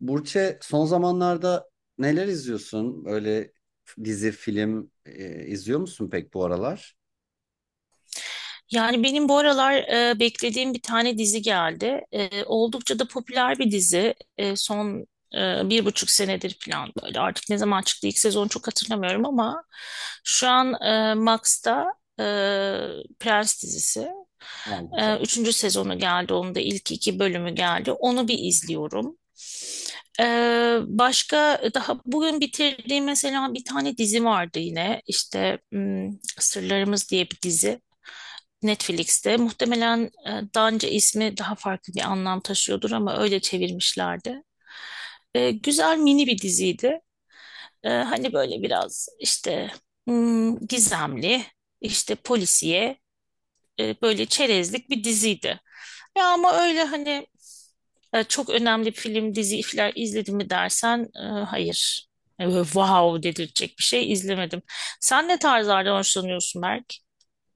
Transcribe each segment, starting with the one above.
Burçe, son zamanlarda neler izliyorsun? Öyle dizi, film izliyor musun pek bu aralar? Yani benim bu aralar beklediğim bir tane dizi geldi. E, oldukça da popüler bir dizi. Bir buçuk senedir falan böyle. Artık ne zaman çıktı ilk sezon çok hatırlamıyorum ama şu an Max'ta, e, Prens dizisi. E, Maalesef. üçüncü sezonu geldi. Onun da ilk iki bölümü geldi. Onu bir izliyorum. E, Başka daha bugün bitirdiğim mesela bir tane dizi vardı yine. İşte Sırlarımız diye bir dizi. Netflix'te. Muhtemelen daha önce ismi daha farklı bir anlam taşıyordur ama öyle çevirmişlerdi. E, güzel mini bir diziydi. E, hani böyle biraz işte gizemli, işte polisiye, böyle çerezlik bir diziydi. Ya ama öyle hani çok önemli film, dizi, filer izledim mi dersen, hayır. E, böyle wow dedirtecek bir şey izlemedim. Sen ne tarzlardan hoşlanıyorsun Berk?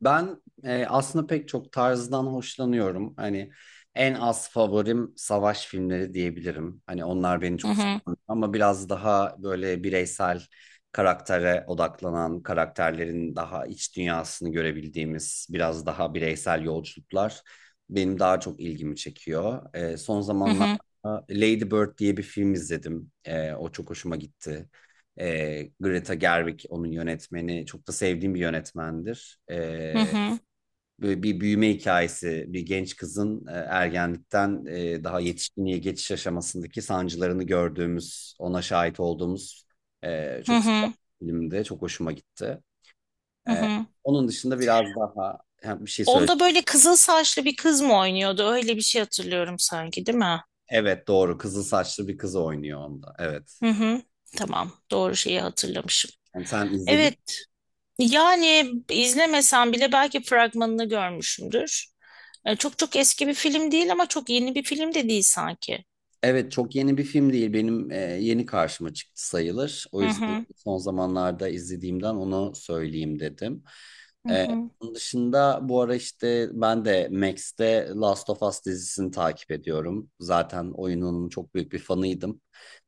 Ben aslında pek çok tarzdan hoşlanıyorum. Hani en az favorim savaş filmleri diyebilirim. Hani onlar beni Hı çok hı, sarmıyor ama biraz daha böyle bireysel karaktere odaklanan, karakterlerin daha iç dünyasını görebildiğimiz biraz daha bireysel yolculuklar benim daha çok ilgimi çekiyor. Son hı hı, zamanlarda Lady Bird diye bir film izledim. O çok hoşuma gitti. Greta Gerwig onun yönetmeni. Çok da sevdiğim bir yönetmendir. hı E, hı, Böyle bir büyüme hikayesi, bir genç kızın ergenlikten daha yetişkinliğe geçiş aşamasındaki sancılarını gördüğümüz, ona şahit olduğumuz hı çok kısa hı. bir filmdi. Çok hoşuma gitti. Hı E, hı. Onun dışında biraz daha ha, bir şey söyle. Onda böyle kızıl saçlı bir kız mı oynuyordu? Öyle bir şey hatırlıyorum sanki, değil mi? Evet, doğru. Kızıl saçlı bir kız oynuyor onda. Evet. Hı hı. Tamam, doğru şeyi hatırlamışım. Yani sen izledin. Evet, yani izlemesem bile belki fragmanını görmüşümdür. E, çok çok eski bir film değil ama çok yeni bir film de değil sanki. Evet, çok yeni bir film değil. Benim yeni karşıma çıktı sayılır. O Hı yüzden hı. son zamanlarda izlediğimden onu söyleyeyim dedim. Hı Ee, hı. Onun dışında bu ara işte ben de Max'te Last of Us dizisini takip ediyorum. Zaten oyunun çok büyük bir fanıydım.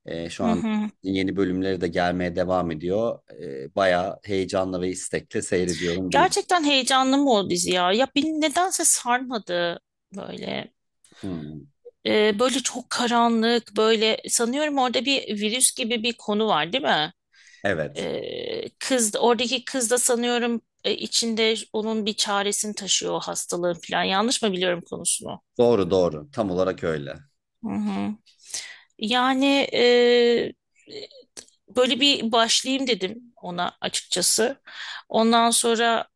Şu Hı an hı. yeni bölümleri de gelmeye devam ediyor. Bayağı heyecanla ve istekle seyrediyorum diyeyim. Gerçekten heyecanlı mı o dizi ya? Ya beni nedense sarmadı böyle. Hmm. E, böyle çok karanlık, böyle sanıyorum orada bir virüs gibi bir konu var, değil mi? Evet. Kız oradaki kız da sanıyorum içinde onun bir çaresini taşıyor o hastalığın falan. Yanlış mı biliyorum konusunu? Doğru, doğru. Tam olarak öyle. Hı hı. Yani e, böyle bir başlayayım dedim ona açıkçası. Ondan sonra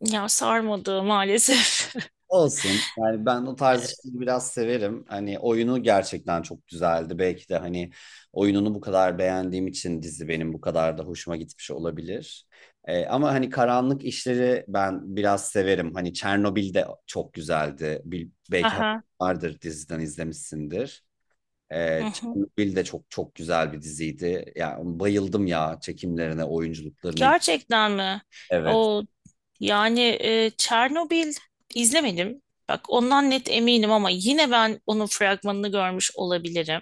ya sarmadı maalesef. Olsun. Yani ben o tarz işleri biraz severim. Hani oyunu gerçekten çok güzeldi. Belki de hani oyununu bu kadar beğendiğim için dizi benim bu kadar da hoşuma gitmiş olabilir. Ama hani karanlık işleri ben biraz severim. Hani Çernobil de çok güzeldi. Belki haberin Aha. vardır, diziden izlemişsindir. Hı hı. Çernobil de çok çok güzel bir diziydi. Yani bayıldım ya çekimlerine, oyunculuklarını. Gerçekten mi? Evet. O, yani Çernobil izlemedim. Bak ondan net eminim ama yine ben onun fragmanını görmüş olabilirim.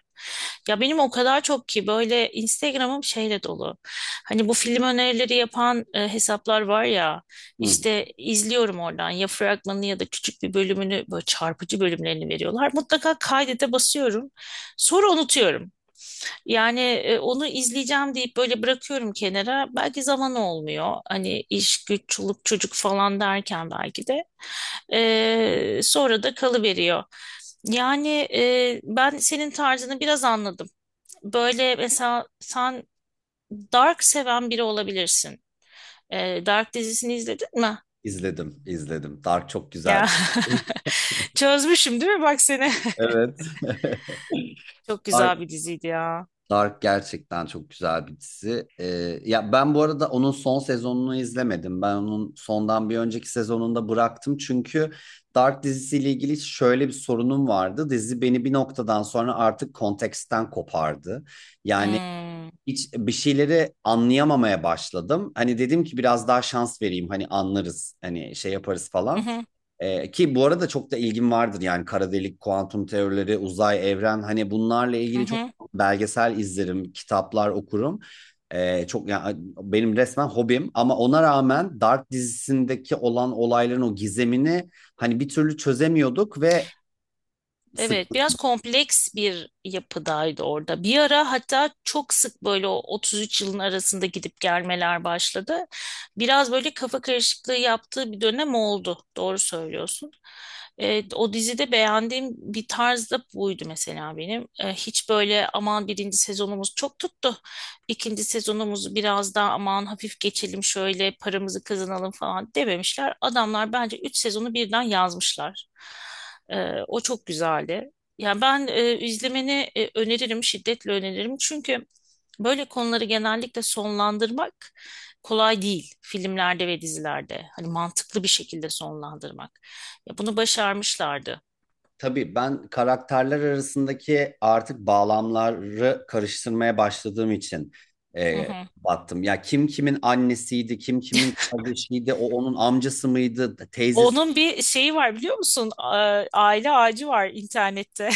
Ya benim o kadar çok ki böyle Instagram'ım şeyle dolu. Hani bu film önerileri yapan hesaplar var ya, Hı. işte izliyorum oradan ya fragmanını ya da küçük bir bölümünü böyle çarpıcı bölümlerini veriyorlar. Mutlaka kaydete basıyorum. Sonra unutuyorum. Yani onu izleyeceğim deyip böyle bırakıyorum kenara. Belki zaman olmuyor. Hani iş, güç, çoluk, çocuk falan derken belki de. Sonra da kalıveriyor. Yani ben senin tarzını biraz anladım. Böyle mesela sen Dark seven biri olabilirsin. E, Dark dizisini izledin mi? İzledim, izledim. Dark çok Ya güzel. çözmüşüm değil mi bak seni? Evet. Çok güzel Dark, bir diziydi ya. Dark gerçekten çok güzel bir dizi. Ya ben bu arada onun son sezonunu izlemedim. Ben onun sondan bir önceki sezonunda bıraktım. Çünkü Dark dizisiyle ilgili şöyle bir sorunum vardı. Dizi beni bir noktadan sonra artık konteksten kopardı. Yani Hmm. hiç bir şeyleri anlayamamaya başladım. Hani dedim ki biraz daha şans vereyim. Hani anlarız. Hani şey yaparız Hı falan. hı, Ki bu arada çok da ilgim vardır yani kara delik, kuantum teorileri, uzay, evren, hani bunlarla hı ilgili çok hı. belgesel izlerim, kitaplar okurum. Çok yani benim resmen hobim ama ona rağmen Dark dizisindeki olan olayların o gizemini hani bir türlü çözemiyorduk ve sık Evet, biraz kompleks bir yapıdaydı orada. Bir ara hatta çok sık böyle o 33 yılın arasında gidip gelmeler başladı. Biraz böyle kafa karışıklığı yaptığı bir dönem oldu. Doğru söylüyorsun. Evet, o dizide beğendiğim bir tarz da buydu mesela benim. Hiç böyle aman birinci sezonumuz çok tuttu. İkinci sezonumuzu biraz daha aman hafif geçelim şöyle paramızı kazanalım falan dememişler. Adamlar bence üç sezonu birden yazmışlar. O çok güzeldi. Yani ben izlemeni öneririm, şiddetle öneririm. Çünkü böyle konuları genellikle sonlandırmak kolay değil filmlerde ve dizilerde. Hani mantıklı bir şekilde sonlandırmak. Ya bunu başarmışlardı. tabii ben karakterler arasındaki artık bağlamları karıştırmaya başladığım için Hı hı. battım. Ya kim kimin annesiydi, kim kimin kardeşiydi, o onun amcası mıydı, teyzesi. Onun bir şeyi var biliyor musun? Aile ağacı var internette.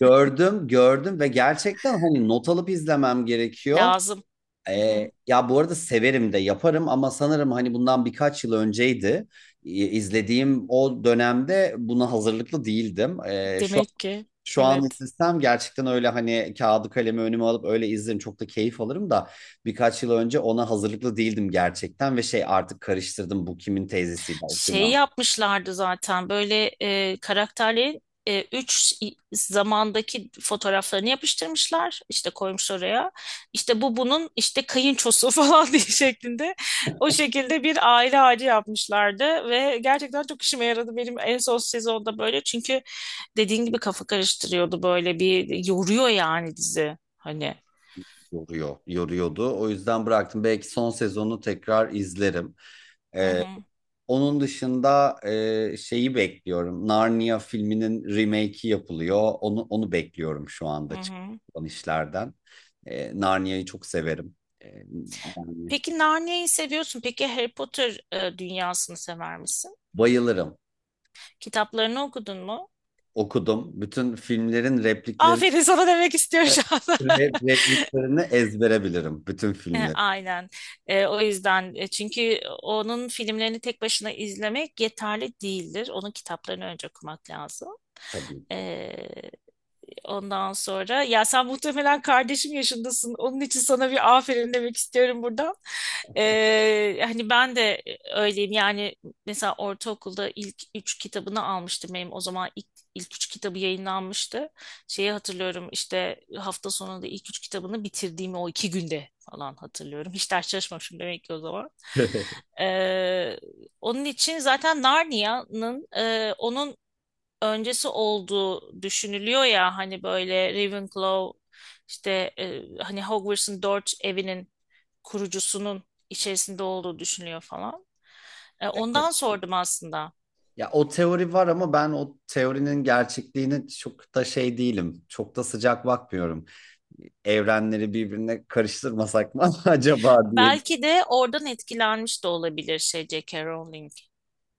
Gördüm, gördüm ve gerçekten hani not alıp izlemem gerekiyor. Lazım. Hı hı. Ya bu arada severim de yaparım ama sanırım hani bundan birkaç yıl önceydi. İzlediğim o dönemde buna hazırlıklı değildim. Demek ki. Şu an Evet. izlesem gerçekten öyle hani kağıdı kalemi önüme alıp öyle izlerim, çok da keyif alırım da birkaç yıl önce ona hazırlıklı değildim gerçekten ve şey artık karıştırdım bu kimin teyzesiydi, o kimin. Şey yapmışlardı zaten böyle karakterlerin üç zamandaki fotoğraflarını yapıştırmışlar. İşte koymuş oraya. İşte bunun işte kayınçosu falan diye şeklinde. O şekilde bir aile ağacı yapmışlardı ve gerçekten çok işime yaradı benim en son sezonda böyle. Çünkü dediğin gibi kafa karıştırıyordu böyle bir yoruyor yani dizi. Hani. Yoruyor, yoruyordu. O yüzden bıraktım. Belki son sezonu tekrar izlerim. Hı Ee, hı. Onun dışında şeyi bekliyorum. Narnia filminin remake'i yapılıyor. Onu bekliyorum şu Hı anda hı. çıkan işlerden. Narnia'yı çok severim. E, Yani Peki Narnia'yı seviyorsun. Peki Harry Potter dünyasını sever misin? bayılırım. Kitaplarını okudun mu? Okudum. Bütün filmlerin replikleri Aferin sana demek istiyorum şu anda. Repliklerini ezbere bilirim. Bütün E, filmleri, Aynen. O yüzden, çünkü onun filmlerini tek başına izlemek yeterli değildir. Onun kitaplarını önce okumak lazım. tabii. E, Ondan sonra ya sen muhtemelen kardeşim yaşındasın. Onun için sana bir aferin demek istiyorum buradan. Hani ben de öyleyim. Yani mesela ortaokulda ilk üç kitabını almıştım benim. O zaman ilk üç kitabı yayınlanmıştı. Şeyi hatırlıyorum işte hafta sonunda ilk üç kitabını bitirdiğimi o iki günde falan hatırlıyorum. Hiç ders çalışmamışım demek ki o zaman. Ee, onun için zaten Narnia'nın onun öncesi olduğu düşünülüyor ya hani böyle Ravenclaw işte, hani Hogwarts'ın dört evinin kurucusunun içerisinde olduğu düşünülüyor falan. E, ondan sordum aslında. Ya o teori var ama ben o teorinin gerçekliğine çok da şey değilim. Çok da sıcak bakmıyorum. Evrenleri birbirine karıştırmasak mı acaba diye. Belki de oradan etkilenmiş de olabilir şey J.K. Rowling.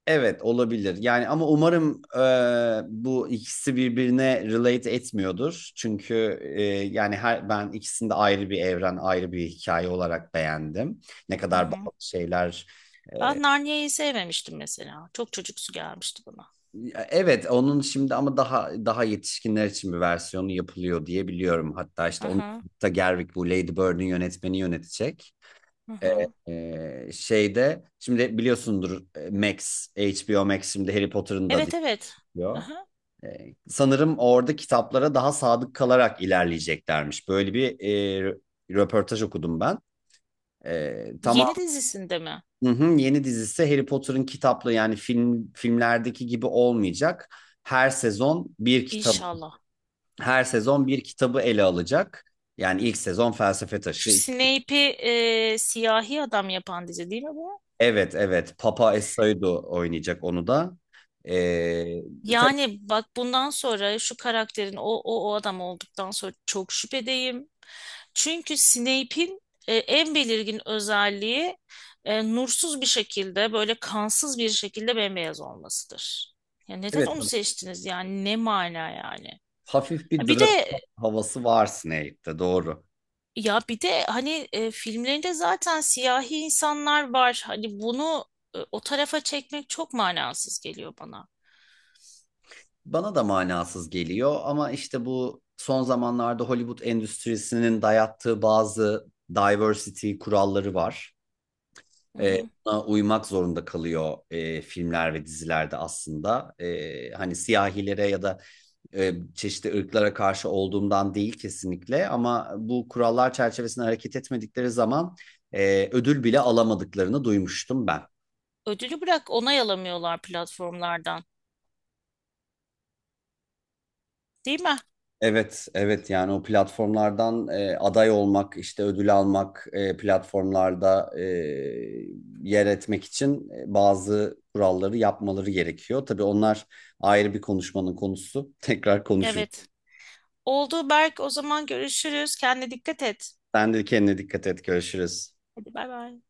Evet, olabilir. Yani ama umarım bu ikisi birbirine relate etmiyordur. Çünkü yani her ben ikisini de ayrı bir evren, ayrı bir hikaye olarak beğendim. Ne Hı kadar hı. bazı şeyler e, Ben Narnia'yı sevmemiştim mesela. Çok çocuksu gelmişti bana. ya evet, onun şimdi ama daha yetişkinler için bir versiyonu yapılıyor diye biliyorum. Hatta Hı işte onu hı, da Gerwig, bu Lady Bird'ün yönetmeni yönetecek. hı hı. E, şeyde Şimdi biliyorsundur, Max HBO Max şimdi Harry Potter'ın da Evet evet. Hı diyor. hı. Sanırım orada kitaplara daha sadık kalarak ilerleyeceklermiş. Böyle bir e, röportaj okudum ben. Ee, tamam Yeni dizisinde mi? hı hı, yeni dizisi Harry Potter'ın kitaplı yani filmlerdeki gibi olmayacak, her sezon bir kitabı İnşallah. her sezon bir kitabı ele alacak. Yani ilk sezon Felsefe Şu Taşı. Snape'i siyahi adam yapan dizi değil mi bu? Evet, evet, Papa Essaydo oynayacak onu da. Ee, tabii, Yani bak bundan sonra şu karakterin o adam olduktan sonra çok şüphedeyim. Çünkü Snape'in en belirgin özelliği nursuz bir şekilde böyle kansız bir şekilde bembeyaz olmasıdır. Ya neden evet onu tamam. seçtiniz yani ne mana yani? Hafif bir Bir de Drakula havası var Snape'te, doğru. bir de hani, filmlerinde zaten siyahi insanlar var. Hani bunu o tarafa çekmek çok manasız geliyor bana. Bana da manasız geliyor ama işte bu son zamanlarda Hollywood endüstrisinin dayattığı bazı diversity kuralları var. Hı Ee, hı. Buna uymak zorunda kalıyor filmler ve dizilerde aslında. Hani siyahilere ya da çeşitli ırklara karşı olduğumdan değil kesinlikle ama bu kurallar çerçevesinde hareket etmedikleri zaman ödül bile alamadıklarını duymuştum ben. Ödülü bırak onay alamıyorlar platformlardan. Değil mi? Evet, evet, yani o platformlardan aday olmak, işte ödül almak, platformlarda yer etmek için bazı kuralları yapmaları gerekiyor. Tabii onlar ayrı bir konuşmanın konusu. Tekrar konuşuruz. Evet. Oldu Berk. O zaman görüşürüz. Kendine dikkat et. Sen de kendine dikkat et, görüşürüz. Hadi bay bay.